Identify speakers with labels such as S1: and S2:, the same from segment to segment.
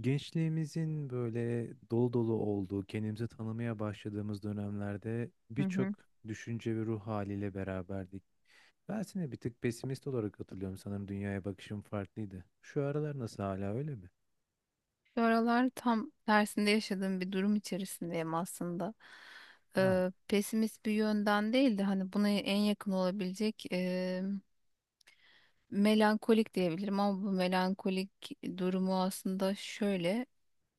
S1: Gençliğimizin böyle dolu dolu olduğu, kendimizi tanımaya başladığımız dönemlerde
S2: Hı
S1: birçok
S2: hı.
S1: düşünce ve ruh haliyle beraberdik. Ben seni bir tık pesimist olarak hatırlıyorum. Sanırım dünyaya bakışım farklıydı. Şu aralar nasıl hala öyle mi?
S2: Bu aralar tam tersinde yaşadığım bir durum içerisindeyim aslında.
S1: Ha,
S2: Pesimist bir yönden değil de hani buna en yakın olabilecek melankolik diyebilirim ama bu melankolik durumu aslında şöyle.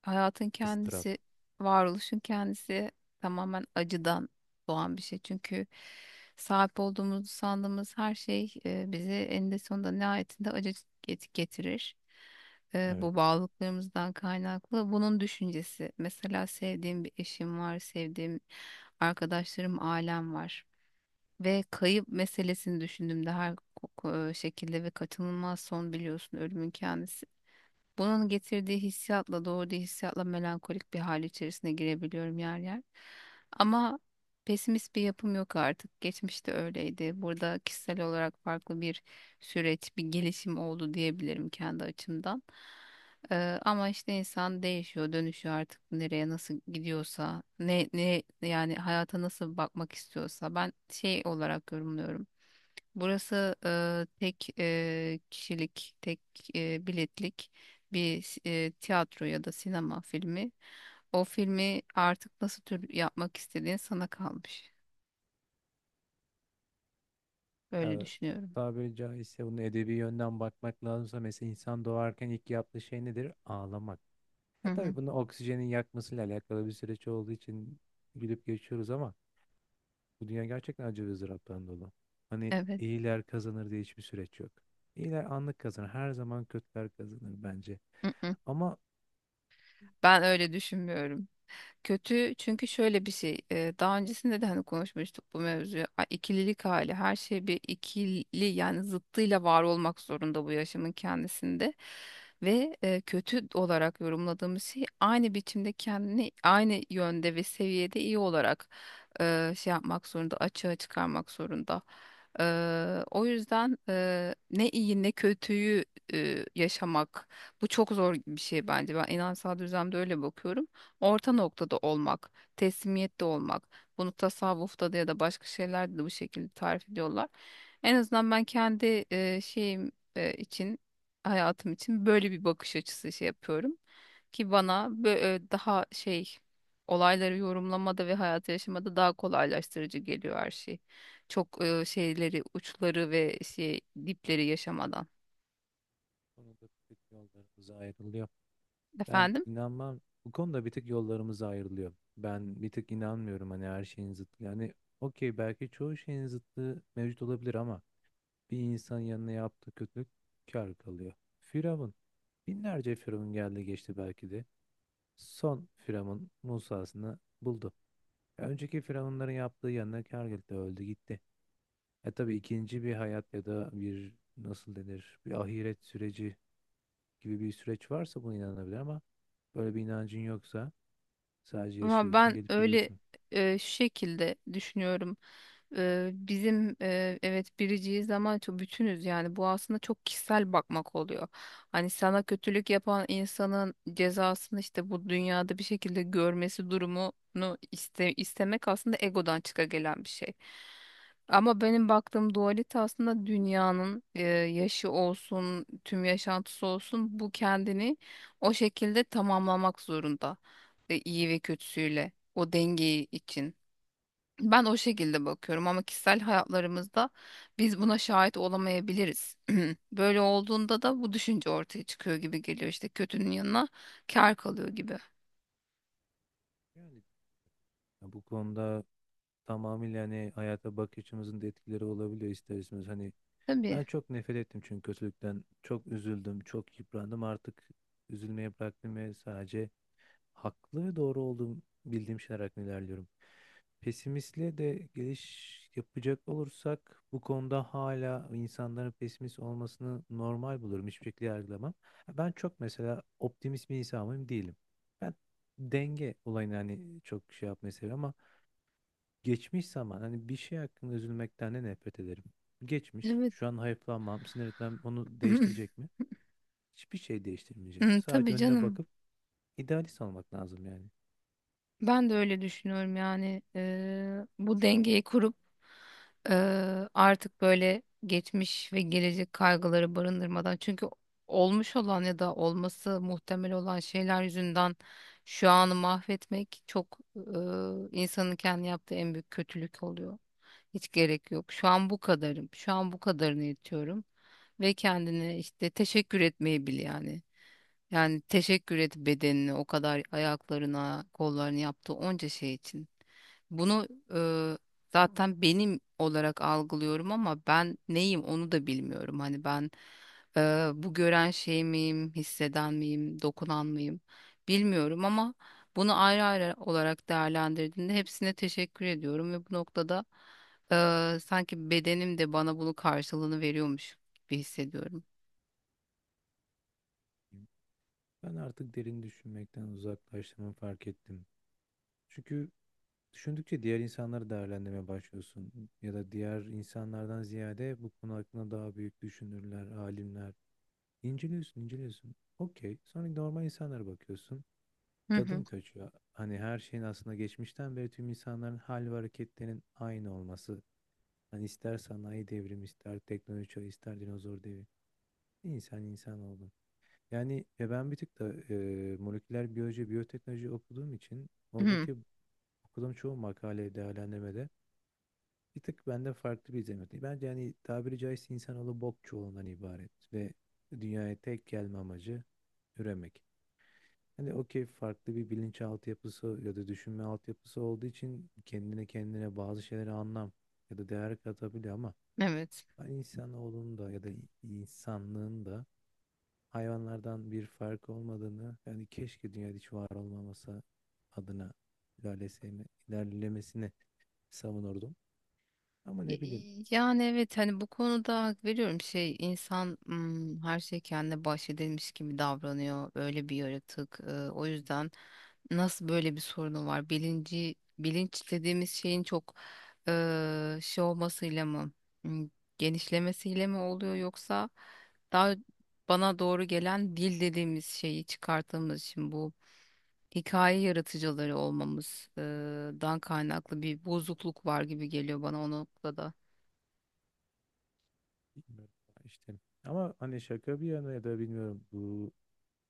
S2: Hayatın
S1: ıstırap.
S2: kendisi, varoluşun kendisi tamamen acıdan doğan bir şey. Çünkü sahip olduğumuzu sandığımız her şey bizi eninde sonunda nihayetinde acı getirir. Bu
S1: Evet.
S2: bağlılıklarımızdan kaynaklı. Bunun düşüncesi. Mesela sevdiğim bir eşim var, sevdiğim arkadaşlarım, ailem var. Ve kayıp meselesini düşündüğümde her şekilde ve kaçınılmaz son biliyorsun ölümün kendisi. Bunun getirdiği hissiyatla, doğurduğu hissiyatla melankolik bir hal içerisine girebiliyorum yer yer. Ama pesimist bir yapım yok artık. Geçmişte öyleydi. Burada kişisel olarak farklı bir süreç, bir gelişim oldu diyebilirim kendi açımdan. Ama işte insan değişiyor, dönüşüyor artık nereye nasıl gidiyorsa, ne yani hayata nasıl bakmak istiyorsa. Ben şey olarak yorumluyorum. Burası tek kişilik, tek biletlik bir tiyatro ya da sinema filmi. O filmi artık nasıl tür yapmak istediğin sana kalmış. Öyle
S1: Ya,
S2: düşünüyorum.
S1: tabiri caizse bunu edebi yönden bakmak lazımsa mesela insan doğarken ilk yaptığı şey nedir? Ağlamak.
S2: Hı
S1: Ya
S2: hı.
S1: tabii bunu oksijenin yakmasıyla alakalı bir süreç olduğu için gülüp geçiyoruz ama bu dünya gerçekten acı ve ızdıraptan dolu. Hani
S2: Evet.
S1: iyiler kazanır diye hiçbir süreç yok. İyiler anlık kazanır. Her zaman kötüler kazanır bence.
S2: Hı hı.
S1: Ama
S2: Ben öyle düşünmüyorum. Kötü çünkü şöyle bir şey daha öncesinde de hani konuşmuştuk bu mevzuyu ikililik hali her şey bir ikili yani zıttıyla var olmak zorunda bu yaşamın kendisinde ve kötü olarak yorumladığımız şey aynı biçimde kendini aynı yönde ve seviyede iyi olarak şey yapmak zorunda açığa çıkarmak zorunda. O yüzden ne iyi ne kötüyü yaşamak bu çok zor bir şey bence ben inansal düzlemde öyle bakıyorum orta noktada olmak, teslimiyette olmak. Bunu tasavvufta da ya da başka şeylerde de bu şekilde tarif ediyorlar. En azından ben kendi şeyim için, hayatım için böyle bir bakış açısı şey yapıyorum ki bana daha şey olayları yorumlamada ve hayatı yaşamada daha kolaylaştırıcı geliyor her şey. Çok şeyleri, uçları ve şey dipleri yaşamadan.
S1: bu konuda bir tık yollarımız ayrılıyor. Ben
S2: Efendim?
S1: inanmam. Bu konuda bir tık yollarımız ayrılıyor. Ben bir tık inanmıyorum hani her şeyin zıttı. Yani okey belki çoğu şeyin zıttı mevcut olabilir ama bir insan yanına yaptığı kötülük kâr kalıyor. Firavun. Binlerce Firavun geldi geçti belki de. Son Firavun Musa'sını buldu. Ya önceki firavunların yaptığı yanına kâr geldi, öldü gitti. E tabii ikinci bir hayat ya da bir nasıl denir bir ahiret süreci gibi bir süreç varsa buna inanabilir ama böyle bir inancın yoksa sadece
S2: Ama
S1: yaşıyorsun
S2: ben
S1: gelip
S2: öyle
S1: gidiyorsun.
S2: şu şekilde düşünüyorum. Bizim evet biriciyiz ama çok bütünüz yani bu aslında çok kişisel bakmak oluyor. Hani sana kötülük yapan insanın cezasını işte bu dünyada bir şekilde görmesi durumunu istemek aslında egodan çıka gelen bir şey. Ama benim baktığım dualite aslında dünyanın yaşı olsun, tüm yaşantısı olsun bu kendini o şekilde tamamlamak zorunda iyi ve kötüsüyle o dengeyi için. Ben o şekilde bakıyorum ama kişisel hayatlarımızda biz buna şahit olamayabiliriz. Böyle olduğunda da bu düşünce ortaya çıkıyor gibi geliyor işte kötünün yanına kar kalıyor gibi.
S1: Yani ya bu konuda tamamıyla hani hayata bakış açımızın da etkileri olabiliyor ister istemez. Hani
S2: Tabii.
S1: ben çok nefret ettim çünkü kötülükten çok üzüldüm, çok yıprandım artık üzülmeye bıraktım ve sadece haklı ve doğru olduğum bildiğim şeyler hakkında ilerliyorum. Pesimistle de geliş yapacak olursak bu konuda hala insanların pesimist olmasını normal bulurum. Hiçbir şekilde yargılamam. Ben çok mesela optimist bir insanım değilim. Ben denge olayını hani çok şey yapmayı seviyorum ama geçmiş zaman hani bir şey hakkında üzülmekten de nefret ederim. Geçmiş.
S2: Evet.
S1: Şu an hayıflanmam, sinir etmem onu değiştirecek mi? Hiçbir şey değiştirmeyecek.
S2: Hı,
S1: Sadece
S2: tabii
S1: önüne
S2: canım.
S1: bakıp idealist olmak lazım yani.
S2: Ben de öyle düşünüyorum yani bu dengeyi kurup artık böyle geçmiş ve gelecek kaygıları barındırmadan çünkü olmuş olan ya da olması muhtemel olan şeyler yüzünden şu anı mahvetmek çok insanın kendi yaptığı en büyük kötülük oluyor. Hiç gerek yok. Şu an bu kadarım. Şu an bu kadarını yetiyorum ve kendine işte teşekkür etmeyi bil yani. Yani teşekkür et bedenini o kadar ayaklarına, kollarını yaptığı onca şey için. Bunu e, zaten benim olarak algılıyorum ama ben neyim onu da bilmiyorum. Hani ben bu gören şey miyim, hisseden miyim, dokunan mıyım bilmiyorum ama bunu ayrı ayrı olarak değerlendirdiğinde hepsine teşekkür ediyorum ve bu noktada sanki bedenim de bana bunun karşılığını veriyormuş gibi hissediyorum.
S1: Ben artık derin düşünmekten uzaklaştığımı fark ettim. Çünkü düşündükçe diğer insanları değerlendirmeye başlıyorsun. Ya da diğer insanlardan ziyade bu konu hakkında daha büyük düşünürler, alimler. İnceliyorsun, inceliyorsun. Okey. Sonra normal insanlara bakıyorsun.
S2: Hı hı.
S1: Tadım kaçıyor. Hani her şeyin aslında geçmişten beri tüm insanların hal ve hareketlerinin aynı olması. Hani ister sanayi devrimi, ister teknoloji, çağı, ister dinozor devri, İnsan insan oldu. Yani ben bir tık da moleküler biyoloji, biyoteknoloji okuduğum için
S2: Hı.
S1: oradaki okuduğum çoğu makale değerlendirmede bir tık benden farklı bir izlenim. Bence yani tabiri caizse insanoğlu bok çuvalından ibaret ve dünyaya tek gelme amacı üremek. Hani okey farklı bir bilinç altyapısı ya da düşünme altyapısı olduğu için kendine kendine bazı şeylere anlam ya da değer katabiliyor ama
S2: Evet.
S1: ben insanoğlunun da ya da insanlığın da hayvanlardan bir farkı olmadığını yani keşke dünyada hiç var olmaması adına ilerlemesini savunurdum. Ama ne bileyim
S2: Y- Yani evet hani bu konuda hak veriyorum şey insan her şey kendine bahşedilmiş gibi davranıyor öyle bir yaratık. O yüzden nasıl böyle bir sorunu var bilinci bilinç dediğimiz şeyin çok şey olmasıyla mı mm, genişlemesiyle mi oluyor yoksa daha bana doğru gelen dil dediğimiz şeyi çıkarttığımız için bu hikaye yaratıcıları olmamızdan kaynaklı bir bozukluk var gibi geliyor bana o noktada.
S1: bilmiyorum işte. Ama hani şaka bir yana ya da bilmiyorum bu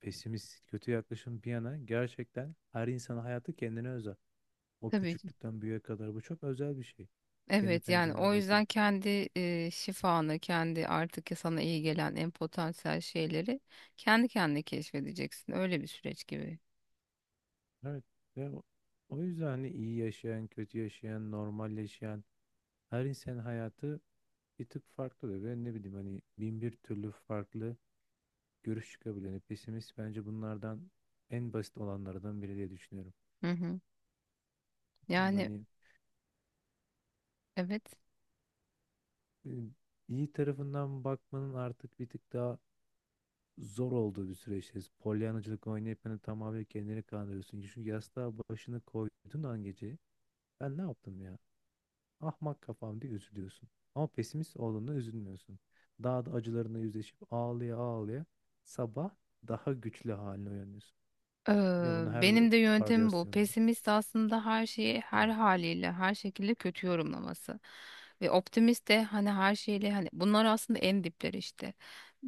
S1: pesimist kötü yaklaşım bir yana gerçekten her insanın hayatı kendine özel. O
S2: Tabii ki.
S1: küçüklükten büyüğe kadar bu çok özel bir şey. Kendi
S2: Evet yani
S1: pencereden
S2: o yüzden
S1: bakıyorsun.
S2: kendi şifanı, kendi artık sana iyi gelen en potansiyel şeyleri kendi kendine keşfedeceksin. Öyle bir süreç gibi.
S1: Evet. Ve o o yüzden hani iyi yaşayan, kötü yaşayan, normal yaşayan her insanın hayatı bir tık farklı da ben ne bileyim hani bin bir türlü farklı görüş çıkabilir. Yani pesimist bence bunlardan en basit olanlardan biri diye düşünüyorum.
S2: Hı hı.
S1: Bilmiyorum
S2: Yani
S1: hani
S2: evet.
S1: e, iyi tarafından bakmanın artık bir tık daha zor olduğu bir süreçteyiz. Polyanacılık oynayıp hani tamamen kendini kandırıyorsun. Çünkü yastığa başını koyduğun an gece ben ne yaptım ya? Ahmak kafam diye üzülüyorsun. Ama pesimist olduğunda üzülmüyorsun. Daha da acılarına yüzleşip ağlaya ağlaya sabah daha güçlü haline uyanıyorsun. Yine bunu her
S2: Benim de yöntemim bu.
S1: varyasyonda.
S2: Pesimist aslında her şeyi
S1: Hı.
S2: her haliyle, her şekilde kötü yorumlaması. Ve optimist de hani her şeyle hani bunlar aslında en dipleri işte.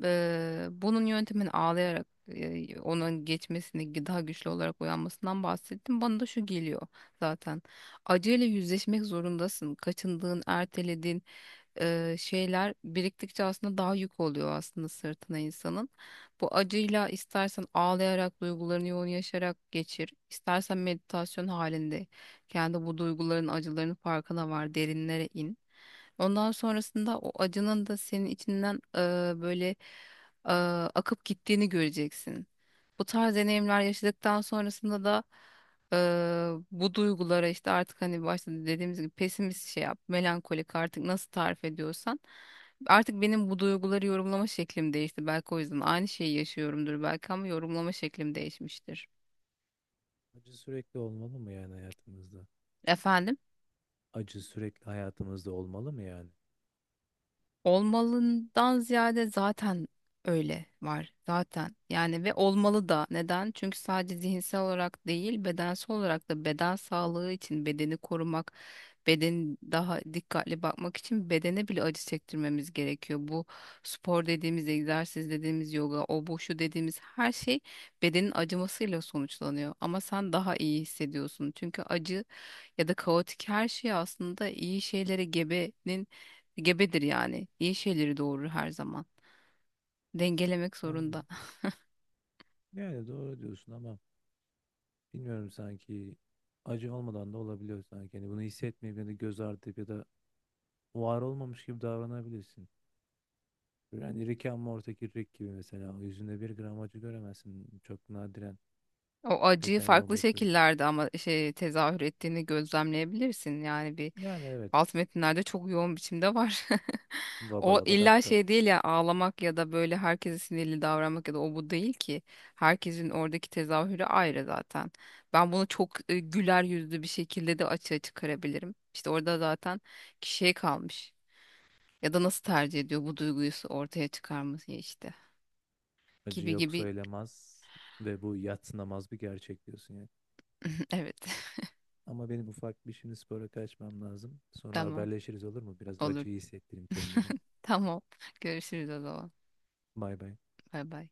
S2: Bunun yöntemini ağlayarak onun geçmesini daha güçlü olarak uyanmasından bahsettim. Bana da şu geliyor zaten. Acıyla yüzleşmek zorundasın. Kaçındığın, ertelediğin şeyler biriktikçe aslında daha yük oluyor aslında sırtına insanın. Bu acıyla istersen ağlayarak duygularını yoğun yaşayarak geçir, istersen meditasyon halinde kendi bu duyguların acıların farkına var, derinlere in. Ondan sonrasında o acının da senin içinden böyle e, akıp gittiğini göreceksin. Bu tarz deneyimler yaşadıktan sonrasında da bu duygulara işte artık hani başta dediğimiz gibi pesimist şey yap, melankolik artık nasıl tarif ediyorsan. Artık benim bu duyguları yorumlama şeklim değişti. Belki o yüzden aynı şeyi yaşıyorumdur belki ama yorumlama şeklim değişmiştir.
S1: Acı sürekli olmalı mı yani hayatımızda?
S2: Efendim?
S1: Acı sürekli hayatımızda olmalı mı yani?
S2: Olmalından ziyade zaten öyle var zaten yani ve olmalı da neden? Çünkü sadece zihinsel olarak değil bedensel olarak da beden sağlığı için bedeni korumak beden daha dikkatli bakmak için bedene bile acı çektirmemiz gerekiyor. Bu spor dediğimiz egzersiz dediğimiz yoga o bu şu dediğimiz her şey bedenin acımasıyla sonuçlanıyor ama sen daha iyi hissediyorsun çünkü acı ya da kaotik her şey aslında iyi şeylere gebenin gebedir yani. İyi şeyleri doğurur her zaman. Dengelemek
S1: Yani,
S2: zorunda.
S1: yani doğru diyorsun ama bilmiyorum sanki acı olmadan da olabiliyor sanki. Yani bunu hissetmeyip ya da göz ardı edip ya da var olmamış gibi davranabilirsin. Yani Rick and Morty'deki Rick gibi mesela o yüzünde bir gram acı göremezsin. Çok nadiren
S2: O acıyı
S1: detaylı
S2: farklı
S1: olması sürece.
S2: şekillerde ama şey tezahür ettiğini gözlemleyebilirsin. Yani bir
S1: Yani evet.
S2: alt metinlerde çok yoğun biçimde var. O
S1: Vabalaba dap
S2: illa
S1: dap.
S2: şey değil ya ağlamak ya da böyle herkese sinirli davranmak ya da o bu değil ki. Herkesin oradaki tezahürü ayrı zaten. Ben bunu çok güler yüzlü bir şekilde de açığa çıkarabilirim. İşte orada zaten kişiye kalmış. Ya da nasıl tercih ediyor bu duyguyu ortaya çıkarması işte.
S1: Acı
S2: Gibi
S1: yok
S2: gibi.
S1: söylemez ve bu yadsınamaz bir gerçek diyorsun yani.
S2: Evet.
S1: Ama benim ufak bir şimdi spora kaçmam lazım. Sonra
S2: Tamam.
S1: haberleşiriz olur mu? Biraz
S2: Olur.
S1: acıyı hissettireyim kendime.
S2: Tamam. Görüşürüz o zaman.
S1: Bay bay.
S2: Bay bay.